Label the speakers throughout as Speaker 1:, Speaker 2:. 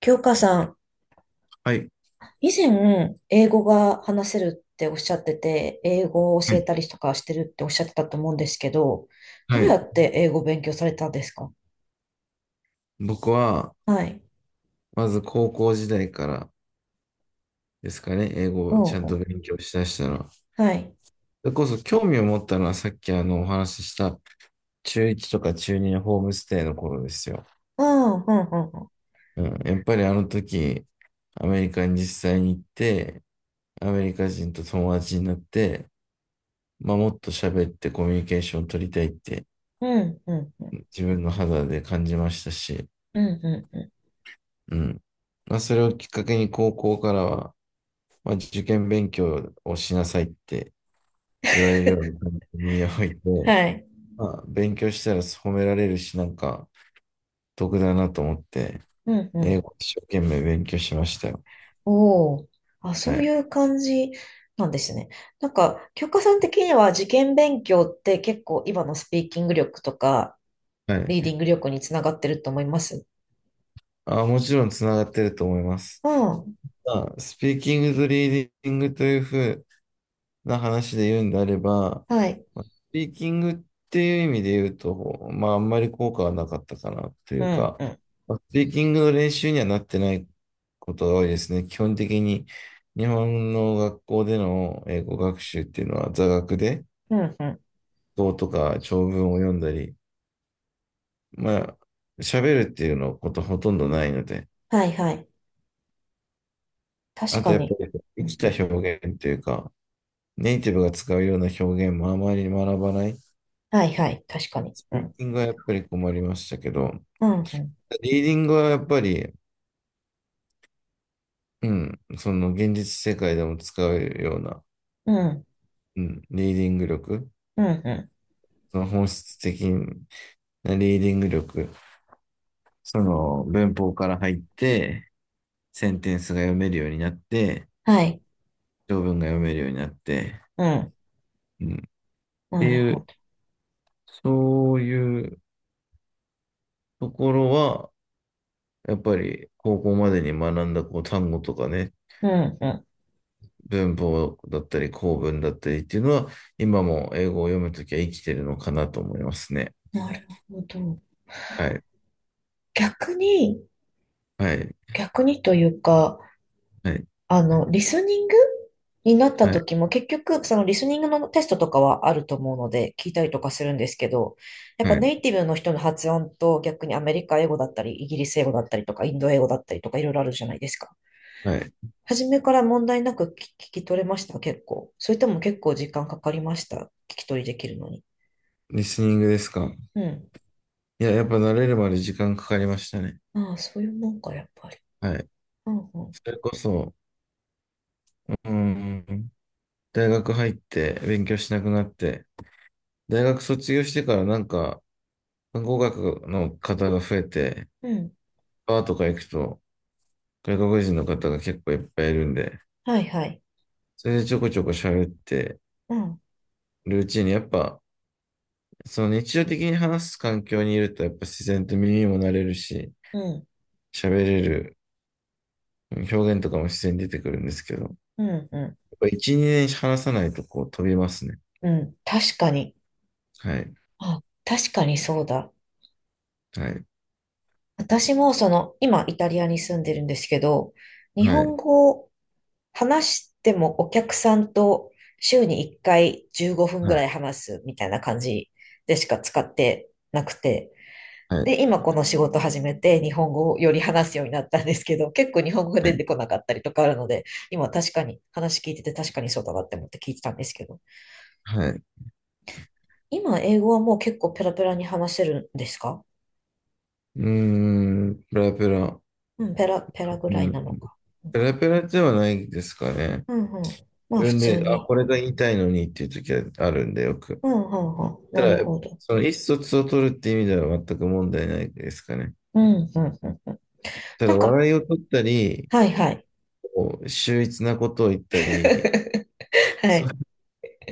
Speaker 1: 京香さん、
Speaker 2: はい。
Speaker 1: 以前、英語が話せるっておっしゃってて、英語を
Speaker 2: は
Speaker 1: 教え
Speaker 2: い
Speaker 1: たりとかしてるっておっしゃってたと思うんですけど、ど
Speaker 2: は
Speaker 1: うや
Speaker 2: い。
Speaker 1: って英語を勉強されたんですか？
Speaker 2: 僕は、
Speaker 1: はい。
Speaker 2: まず高校時代からですかね、英語
Speaker 1: う
Speaker 2: をちゃ
Speaker 1: ん
Speaker 2: ん
Speaker 1: う
Speaker 2: と
Speaker 1: ん。
Speaker 2: 勉強しだしたのは。そ
Speaker 1: はい。
Speaker 2: れこそ興味を持ったのはさっきお話しした中1とか中2のホームステイの頃ですよ。
Speaker 1: ああ。
Speaker 2: うん、やっぱりあの時、アメリカに実際に行って、アメリカ人と友達になって、まあ、もっと喋ってコミュニケーションを取りたいって
Speaker 1: うん、うん、うん、うん。
Speaker 2: 自分の肌で感じましたし、
Speaker 1: うん、うん、うんうん。
Speaker 2: うん。まあ、それをきっかけに高校からは、まあ、受験勉強をしなさいって言われるように耳を置いて、
Speaker 1: はい。
Speaker 2: まあ、勉強したら褒められるし、なんか得だなと思って、
Speaker 1: うん、う
Speaker 2: 英
Speaker 1: ん。
Speaker 2: 語一生懸命勉強しましたよ。
Speaker 1: おお。あ、そ
Speaker 2: は
Speaker 1: うい
Speaker 2: い。
Speaker 1: う感じなんですね。なんか、教科さん的には受験勉強って結構今のスピーキング力とか、
Speaker 2: は
Speaker 1: リーデ
Speaker 2: い。
Speaker 1: ィング力につながってると思います。
Speaker 2: あ、もちろんつながってると思います。
Speaker 1: うん。
Speaker 2: まあ、スピーキングとリーディングというふうな話で言うんであれば、
Speaker 1: はい。
Speaker 2: まあスピーキングっていう意味で言うと、まあ、あんまり効果はなかったかなとい
Speaker 1: う
Speaker 2: う
Speaker 1: ん、
Speaker 2: か、
Speaker 1: うん。
Speaker 2: まあスピーキングの練習にはなってないことが多いですね。基本的に日本の学校での英語学習っていうのは座学で、
Speaker 1: うんうん。
Speaker 2: 語とか長文を読んだり、まあ、喋るっていうのことほとんどないので、
Speaker 1: はいはい。確
Speaker 2: あと
Speaker 1: か
Speaker 2: やっぱ
Speaker 1: に。
Speaker 2: り
Speaker 1: う
Speaker 2: 生き
Speaker 1: ん
Speaker 2: た
Speaker 1: うん。
Speaker 2: 表現というか、ネイティブが使うような表現もあまり学ばない。
Speaker 1: はいはい。確かに。
Speaker 2: スピ
Speaker 1: う
Speaker 2: ー
Speaker 1: ん。
Speaker 2: キングはやっぱり困りましたけど、
Speaker 1: うんうん。
Speaker 2: リーディングはやっぱり、うん、その現実世界でも使うような、
Speaker 1: うん。
Speaker 2: うん、リーディング力、
Speaker 1: うんう
Speaker 2: その本質的なリーディング力、その文法から入って、センテンスが読めるようになって、
Speaker 1: ん。はい。
Speaker 2: 条文が読めるようになって、
Speaker 1: うん。
Speaker 2: うん、って
Speaker 1: なる
Speaker 2: い
Speaker 1: ほ
Speaker 2: う、
Speaker 1: ど。
Speaker 2: そういうところは、やっぱり高校までに学んだこう単語とかね、
Speaker 1: うんうん。
Speaker 2: 文法だったり、構文だったりっていうのは、今も英語を読むときは生きてるのかなと思いますね。
Speaker 1: なるほど。
Speaker 2: はい。
Speaker 1: 逆に、
Speaker 2: はい。
Speaker 1: 逆にというか、
Speaker 2: はい。
Speaker 1: リスニングになった
Speaker 2: はい。
Speaker 1: 時も結局、そのリスニングのテストとかはあると思うので、聞いたりとかするんですけど、やっぱ
Speaker 2: は
Speaker 1: ネ
Speaker 2: い。
Speaker 1: イティブの人の発音と逆にアメリカ英語だったり、イギリス英語だったりとか、インド英語だったりとか、いろいろあるじゃないですか。
Speaker 2: はい。
Speaker 1: 初めから問題なく聞き取れました、結構？それとも結構時間かかりました、聞き取りできるのに？
Speaker 2: リスニングですか。
Speaker 1: うん。
Speaker 2: いや、やっぱ慣れるまで時間かかりましたね。
Speaker 1: ああ、そういうもんか、やっぱり。
Speaker 2: はい。
Speaker 1: うん、う
Speaker 2: それ
Speaker 1: ん。
Speaker 2: こそ、うーん、大学入って勉強しなくなって、大学卒業してからなんか、語学の方が増えて、
Speaker 1: うん。
Speaker 2: バーとか行くと、外国人の方が結構いっぱいいるんで、
Speaker 1: はいはい。
Speaker 2: それでちょこちょこ喋って
Speaker 1: うん、
Speaker 2: るうちに、やっぱ、その日常的に話す環境にいると、やっぱ自然と耳も慣れるし、
Speaker 1: うん、
Speaker 2: 喋れる表現とかも自然に出てくるんですけど、やっ
Speaker 1: うん、うん。
Speaker 2: ぱ1、2年話さないとこう飛びますね。
Speaker 1: うん、確かに。
Speaker 2: はい。
Speaker 1: あ、確かにそうだ。
Speaker 2: はい。
Speaker 1: 私もその、今イタリアに住んでるんですけど、日
Speaker 2: はい。
Speaker 1: 本語を話してもお客さんと週に1回15分
Speaker 2: は
Speaker 1: ぐ
Speaker 2: い。
Speaker 1: らい話すみたいな感じでしか使ってなくて、
Speaker 2: はい。
Speaker 1: で、今この仕事始めて日本語をより話すようになったんですけど、結構日本語が
Speaker 2: はい。
Speaker 1: 出てこなかったりとかあるので、今確かに話聞いてて確かにそうだなって思って聞いてたんですけど、
Speaker 2: はい。
Speaker 1: 今英語はもう結構ペラペラに話せるんですか？
Speaker 2: うーん、ペラペラ。
Speaker 1: うん、ペラペラぐら
Speaker 2: う
Speaker 1: い
Speaker 2: ん。
Speaker 1: なのか。うん、
Speaker 2: ペラペラではないですかね。
Speaker 1: うん、うん。まあ
Speaker 2: 自
Speaker 1: 普
Speaker 2: 分
Speaker 1: 通
Speaker 2: で、あ、
Speaker 1: に。
Speaker 2: これが言いたいのにっていう時はあるんで、よく。
Speaker 1: うん、うん、うん。
Speaker 2: た
Speaker 1: なる
Speaker 2: だ、
Speaker 1: ほど。
Speaker 2: その意思疎通を取るって意味では全く問題ないですかね。
Speaker 1: うん、うん、うん。うん。
Speaker 2: た
Speaker 1: な
Speaker 2: だ、
Speaker 1: んか、
Speaker 2: 笑いを取ったり、
Speaker 1: はい、はい。
Speaker 2: こう秀逸なことを言ったり、
Speaker 1: は
Speaker 2: そ、
Speaker 1: い。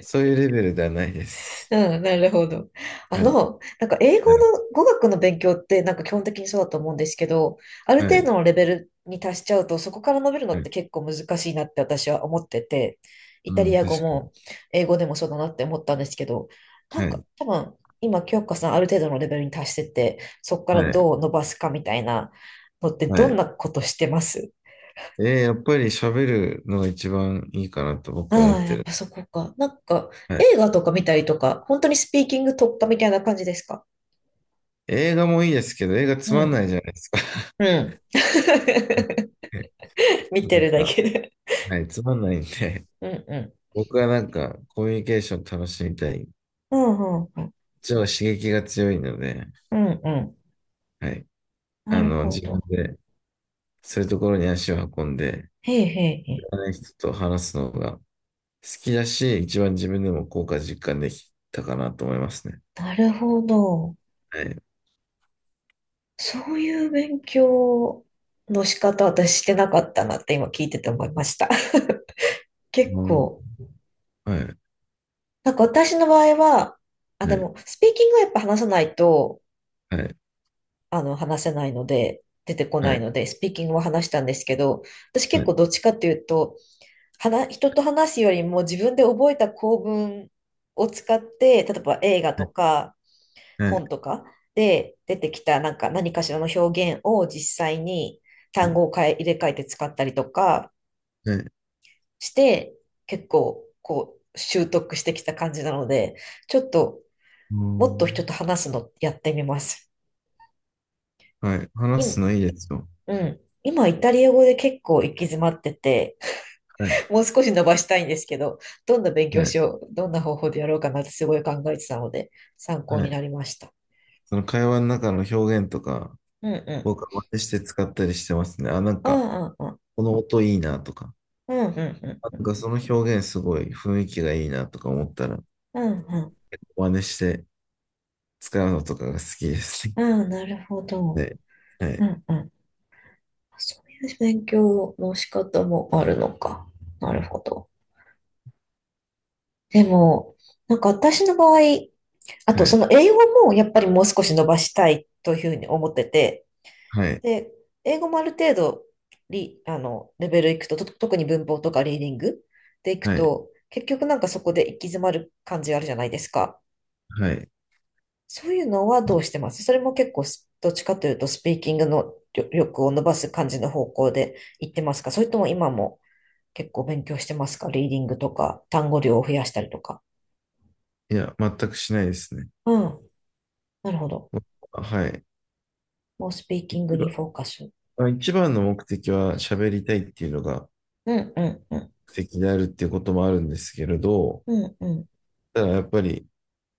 Speaker 2: そういうレベルではないです。
Speaker 1: うん、なるほど。
Speaker 2: はい。
Speaker 1: なんか英語
Speaker 2: はい。
Speaker 1: の語学の勉強ってなんか基本的にそうだと思うんですけど、ある
Speaker 2: は
Speaker 1: 程
Speaker 2: い。
Speaker 1: 度のレベルに達しちゃうと、そこから伸びるの
Speaker 2: は
Speaker 1: っ
Speaker 2: い。
Speaker 1: て結構難しいなって私は思ってて、イ
Speaker 2: う
Speaker 1: タ
Speaker 2: ん、
Speaker 1: リア語
Speaker 2: 確かに。
Speaker 1: も英語でもそうだなって思ったんですけど、な
Speaker 2: は
Speaker 1: んか
Speaker 2: い。
Speaker 1: 多分今、京香さんある程度のレベルに達してて、そこか
Speaker 2: は
Speaker 1: ら
Speaker 2: い。
Speaker 1: どう伸ばすかみたいなのって
Speaker 2: は
Speaker 1: どん
Speaker 2: い。
Speaker 1: なことしてます？
Speaker 2: やっぱり喋るのが一番いいかなと
Speaker 1: あ
Speaker 2: 僕は思っ
Speaker 1: あ、や
Speaker 2: て
Speaker 1: っ
Speaker 2: る。
Speaker 1: ぱそこか。なんか
Speaker 2: はい。
Speaker 1: 映画とか見たりとか、本当にスピーキング突破みたいな感じですか？
Speaker 2: 映画もいいですけど、映画つ
Speaker 1: う
Speaker 2: まんな
Speaker 1: ん。
Speaker 2: いじゃないですか。
Speaker 1: うん。見
Speaker 2: な
Speaker 1: て
Speaker 2: ん
Speaker 1: るだ
Speaker 2: か、
Speaker 1: けで。
Speaker 2: はい、つまんないんで、
Speaker 1: うんうん。
Speaker 2: 僕はなんかコミュニケーション楽しみたい。
Speaker 1: うん、うん、うん。
Speaker 2: 一応刺激が強いので、
Speaker 1: うんうん。
Speaker 2: はい、
Speaker 1: な
Speaker 2: あ
Speaker 1: る
Speaker 2: の、
Speaker 1: ほ
Speaker 2: 自分
Speaker 1: ど。
Speaker 2: でそういうところに足を運んで、
Speaker 1: へえへえへ
Speaker 2: 知
Speaker 1: え。
Speaker 2: らない人と話すのが好きだし、一番自分でも効果実感できたかなと思いますね。
Speaker 1: なるほど。
Speaker 2: はい。
Speaker 1: そういう勉強の仕方、私してなかったなって今聞いてて思いました。結
Speaker 2: も
Speaker 1: 構。
Speaker 2: う、はい、は
Speaker 1: なんか私の場合は、あ、で
Speaker 2: い、
Speaker 1: も、スピーキングはやっぱ話さないと、
Speaker 2: はい、
Speaker 1: 話せないので、出てこ
Speaker 2: は
Speaker 1: ない
Speaker 2: い、
Speaker 1: ので、スピーキングは話したんですけど、私
Speaker 2: は
Speaker 1: 結構
Speaker 2: い、
Speaker 1: どっちかっていうと、話、人と話すよりも自分で覚えた構文を使って、例えば映画とか
Speaker 2: はい、
Speaker 1: 本とかで出てきたなんか何かしらの表現を実際に
Speaker 2: は
Speaker 1: 単
Speaker 2: い、
Speaker 1: 語を変え、入れ替えて使ったりとか
Speaker 2: はい、
Speaker 1: して、結構こう習得してきた感じなので、ちょっともっと人と
Speaker 2: も
Speaker 1: 話すのやってみます。
Speaker 2: うはい、話
Speaker 1: 今、
Speaker 2: すのいいですよ。
Speaker 1: うん。今イタリア語で結構行き詰まってて、
Speaker 2: はい、
Speaker 1: もう少し伸ばしたいんですけど、どんな勉
Speaker 2: は
Speaker 1: 強
Speaker 2: い、
Speaker 1: しよう、どんな方法でやろうかなってすごい考えてたので、参考
Speaker 2: は
Speaker 1: に
Speaker 2: い。
Speaker 1: なりました。
Speaker 2: その会話の中の表現とか、
Speaker 1: うんうん。
Speaker 2: 僕は真似して使ったりしてますね。あ、なん
Speaker 1: う
Speaker 2: か、
Speaker 1: んうんうん。
Speaker 2: この音いいなとか、
Speaker 1: うんうん
Speaker 2: あ
Speaker 1: うん。
Speaker 2: なんかその表現すごい雰囲気がいいなとか思ったら、
Speaker 1: うんうん。
Speaker 2: 真似して使うのとかが好きです
Speaker 1: うん、なるほど。
Speaker 2: ね。は
Speaker 1: う
Speaker 2: い、
Speaker 1: んうん。そういう勉強の仕方もあるのか。なるほど。でも、なんか私の場合、あ
Speaker 2: は
Speaker 1: とそ
Speaker 2: い、
Speaker 1: の英語もやっぱりもう少し伸ばしたいというふうに思ってて、
Speaker 2: はい、
Speaker 1: で、英語もある程度リ、レベルいくと、と、特に文法とかリーディングでいく
Speaker 2: はい、
Speaker 1: と、結局なんかそこで行き詰まる感じあるじゃないですか。
Speaker 2: はい、はい。
Speaker 1: そういうのはどうしてます？それも結構す、どっちかというと、スピーキングの力を伸ばす感じの方向で行ってますか？それとも今も結構勉強してますか？リーディングとか、単語量を増やしたりとか。
Speaker 2: いや、全くしないですね。
Speaker 1: うん。なるほど。
Speaker 2: はい。
Speaker 1: もうスピーキング
Speaker 2: 一
Speaker 1: に
Speaker 2: 番、
Speaker 1: フォーカス。
Speaker 2: まあ一番の目的は喋りたいっていうのが
Speaker 1: うん、うん、うん。
Speaker 2: 目的であるっていうこともあるんですけれど、
Speaker 1: うん、うん、
Speaker 2: ただやっぱり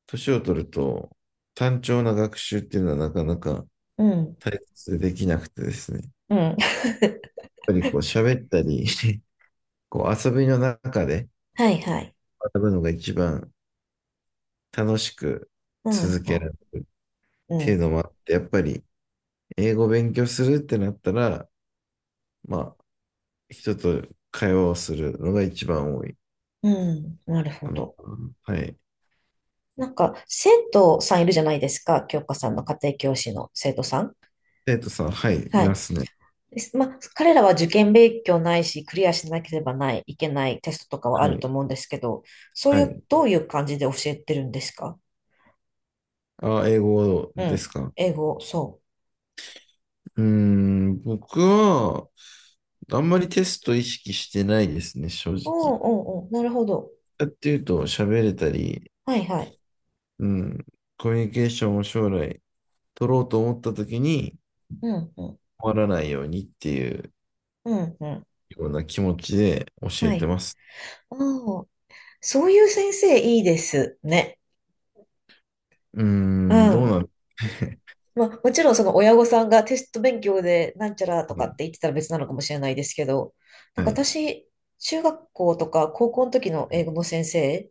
Speaker 2: 年を取ると単調な学習っていうのはなかなか
Speaker 1: うん。
Speaker 2: 対切でできなくてですね。やっ
Speaker 1: うん。
Speaker 2: ぱりこう喋ったり こう遊びの中で
Speaker 1: はい、はい。
Speaker 2: 学ぶのが一番楽しく
Speaker 1: うん、
Speaker 2: 続
Speaker 1: う
Speaker 2: け
Speaker 1: ん、
Speaker 2: られるっ
Speaker 1: う
Speaker 2: ていう
Speaker 1: ん。
Speaker 2: のもあって、やっぱり英語を勉強するってなったら、まあ人と会話をするのが一番多い。
Speaker 1: うん、なるほ
Speaker 2: あの
Speaker 1: ど。
Speaker 2: はい。
Speaker 1: なんか、生徒さんいるじゃないですか。教科さんの家庭教師の生徒さん。
Speaker 2: 生徒さん、はい、い
Speaker 1: は
Speaker 2: ま
Speaker 1: い。
Speaker 2: すね。
Speaker 1: ですまあ、彼らは受験勉強ないし、クリアしなければない、いけないテストとかはあ
Speaker 2: は
Speaker 1: る
Speaker 2: い、
Speaker 1: と思うんですけど、そうい
Speaker 2: は
Speaker 1: う、
Speaker 2: い。
Speaker 1: どういう感じで教えてるんですか？
Speaker 2: あ、英語
Speaker 1: う
Speaker 2: です
Speaker 1: ん。
Speaker 2: か。
Speaker 1: 英語、そう。
Speaker 2: 僕は、あんまりテスト意識してないですね、正直。
Speaker 1: おうんうんうん。なるほど。
Speaker 2: やっていうと、喋れたり、
Speaker 1: はいはい。
Speaker 2: うん、コミュニケーションを将来取ろうと思った時に、
Speaker 1: うんうん。
Speaker 2: 困らないようにっていう
Speaker 1: うんうん。
Speaker 2: ような気持ちで教え
Speaker 1: は
Speaker 2: て
Speaker 1: い。
Speaker 2: ます。
Speaker 1: うん。そういう先生いいですね。
Speaker 2: うー
Speaker 1: う
Speaker 2: ん、どう
Speaker 1: ん。
Speaker 2: なる
Speaker 1: まあ、もちろんその親御さんがテスト勉強でなんちゃらと
Speaker 2: は
Speaker 1: か
Speaker 2: い、
Speaker 1: って言ってたら別なのかもしれないですけど、な
Speaker 2: は
Speaker 1: んか
Speaker 2: い、
Speaker 1: 私、中学校とか高校の時の英語の先生、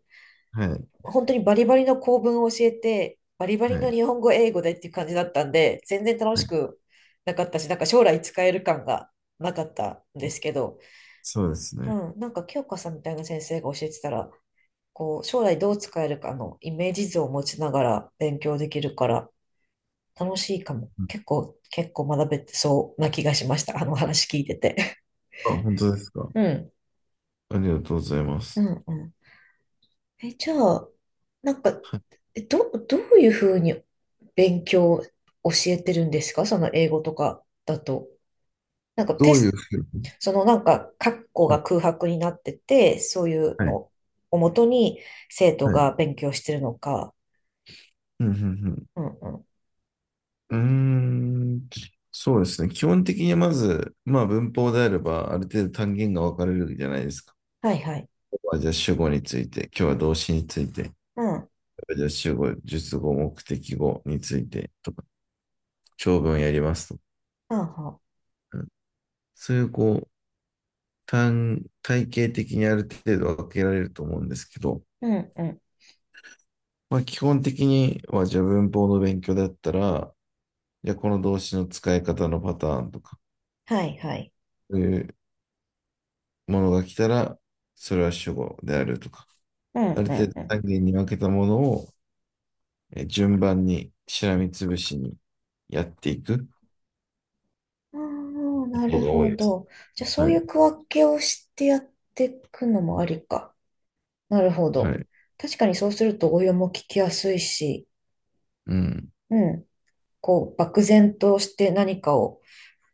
Speaker 2: はい、
Speaker 1: 本当にバリバリの構文を教えて、バリバ
Speaker 2: は
Speaker 1: リの
Speaker 2: い、
Speaker 1: 日本語英語でっていう感じだったんで、全然楽
Speaker 2: は
Speaker 1: し
Speaker 2: い。
Speaker 1: くなかったし、なんか将来使える感がなかったんですけど、
Speaker 2: そうです
Speaker 1: う
Speaker 2: ね。
Speaker 1: ん、なんか清香さんみたいな先生が教えてたら、こう、将来どう使えるかのイメージ図を持ちながら勉強できるから、楽しいかも。結構、結構学べてそうな気がしました。あの話聞いてて。
Speaker 2: あ、本当ですか。
Speaker 1: うん。
Speaker 2: ありがとうございま
Speaker 1: う
Speaker 2: す。
Speaker 1: んうん。え、じゃあ、なんか、
Speaker 2: はい。
Speaker 1: えど、どういうふうに勉強教えてるんですか？その英語とかだと。なんか
Speaker 2: ど
Speaker 1: テ
Speaker 2: ういう
Speaker 1: ス
Speaker 2: ふうに、
Speaker 1: ト、そのなんか、括弧が空白になってて、そういう
Speaker 2: はい。
Speaker 1: のをもとに生徒
Speaker 2: はい。
Speaker 1: が勉強してるのか。
Speaker 2: うん、うん、
Speaker 1: うんうん。
Speaker 2: うん。うーん。そうですね。基本的にまず、まあ文法であれば、ある程度単元が分かれるじゃないですか。
Speaker 1: はいはい。
Speaker 2: ここはじゃあ主語について、今日は動詞について、
Speaker 1: うん。
Speaker 2: じゃあ主語、述語、目的語についてとか、長文やりますとか、
Speaker 1: あは。
Speaker 2: うんそういうこう、体系的にある程度分けられると思うんですけど、
Speaker 1: うんうん。
Speaker 2: まあ基本的にはじゃあ文法の勉強だったら、じゃあこの動詞の使い方のパターンとか、
Speaker 1: はいはい。
Speaker 2: そういうものが来たら、それは主語であるとか、
Speaker 1: う
Speaker 2: あ
Speaker 1: ん
Speaker 2: る
Speaker 1: う
Speaker 2: 程
Speaker 1: ん
Speaker 2: 度
Speaker 1: うん。
Speaker 2: 単元に分けたものを順番にしらみつぶしにやっていく
Speaker 1: ああ、
Speaker 2: こ
Speaker 1: な
Speaker 2: と
Speaker 1: る
Speaker 2: が多い
Speaker 1: ほ
Speaker 2: です。
Speaker 1: ど。じゃあ、そ
Speaker 2: は
Speaker 1: う
Speaker 2: い。
Speaker 1: いう区分けをしてやっていくのもありか。なるほ
Speaker 2: は
Speaker 1: ど。
Speaker 2: い。
Speaker 1: 確かにそうすると応用も聞きやすいし、
Speaker 2: うん。
Speaker 1: うん。こう、漠然として何かを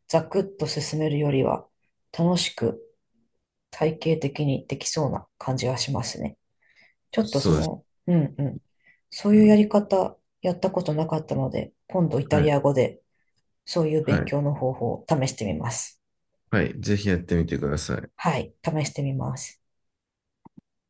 Speaker 1: ザクッと進めるよりは、楽しく体系的にできそうな感じがしますね。ちょっとそ
Speaker 2: そうです。
Speaker 1: の、うんうん。そう
Speaker 2: う
Speaker 1: いうや
Speaker 2: ん、
Speaker 1: り方、やったことなかったので、今度イタ
Speaker 2: は
Speaker 1: リ
Speaker 2: い。
Speaker 1: ア語でそういう
Speaker 2: は
Speaker 1: 勉
Speaker 2: い。
Speaker 1: 強の方法を試してみます。
Speaker 2: はい。ぜひやってみてください。
Speaker 1: はい、試してみます。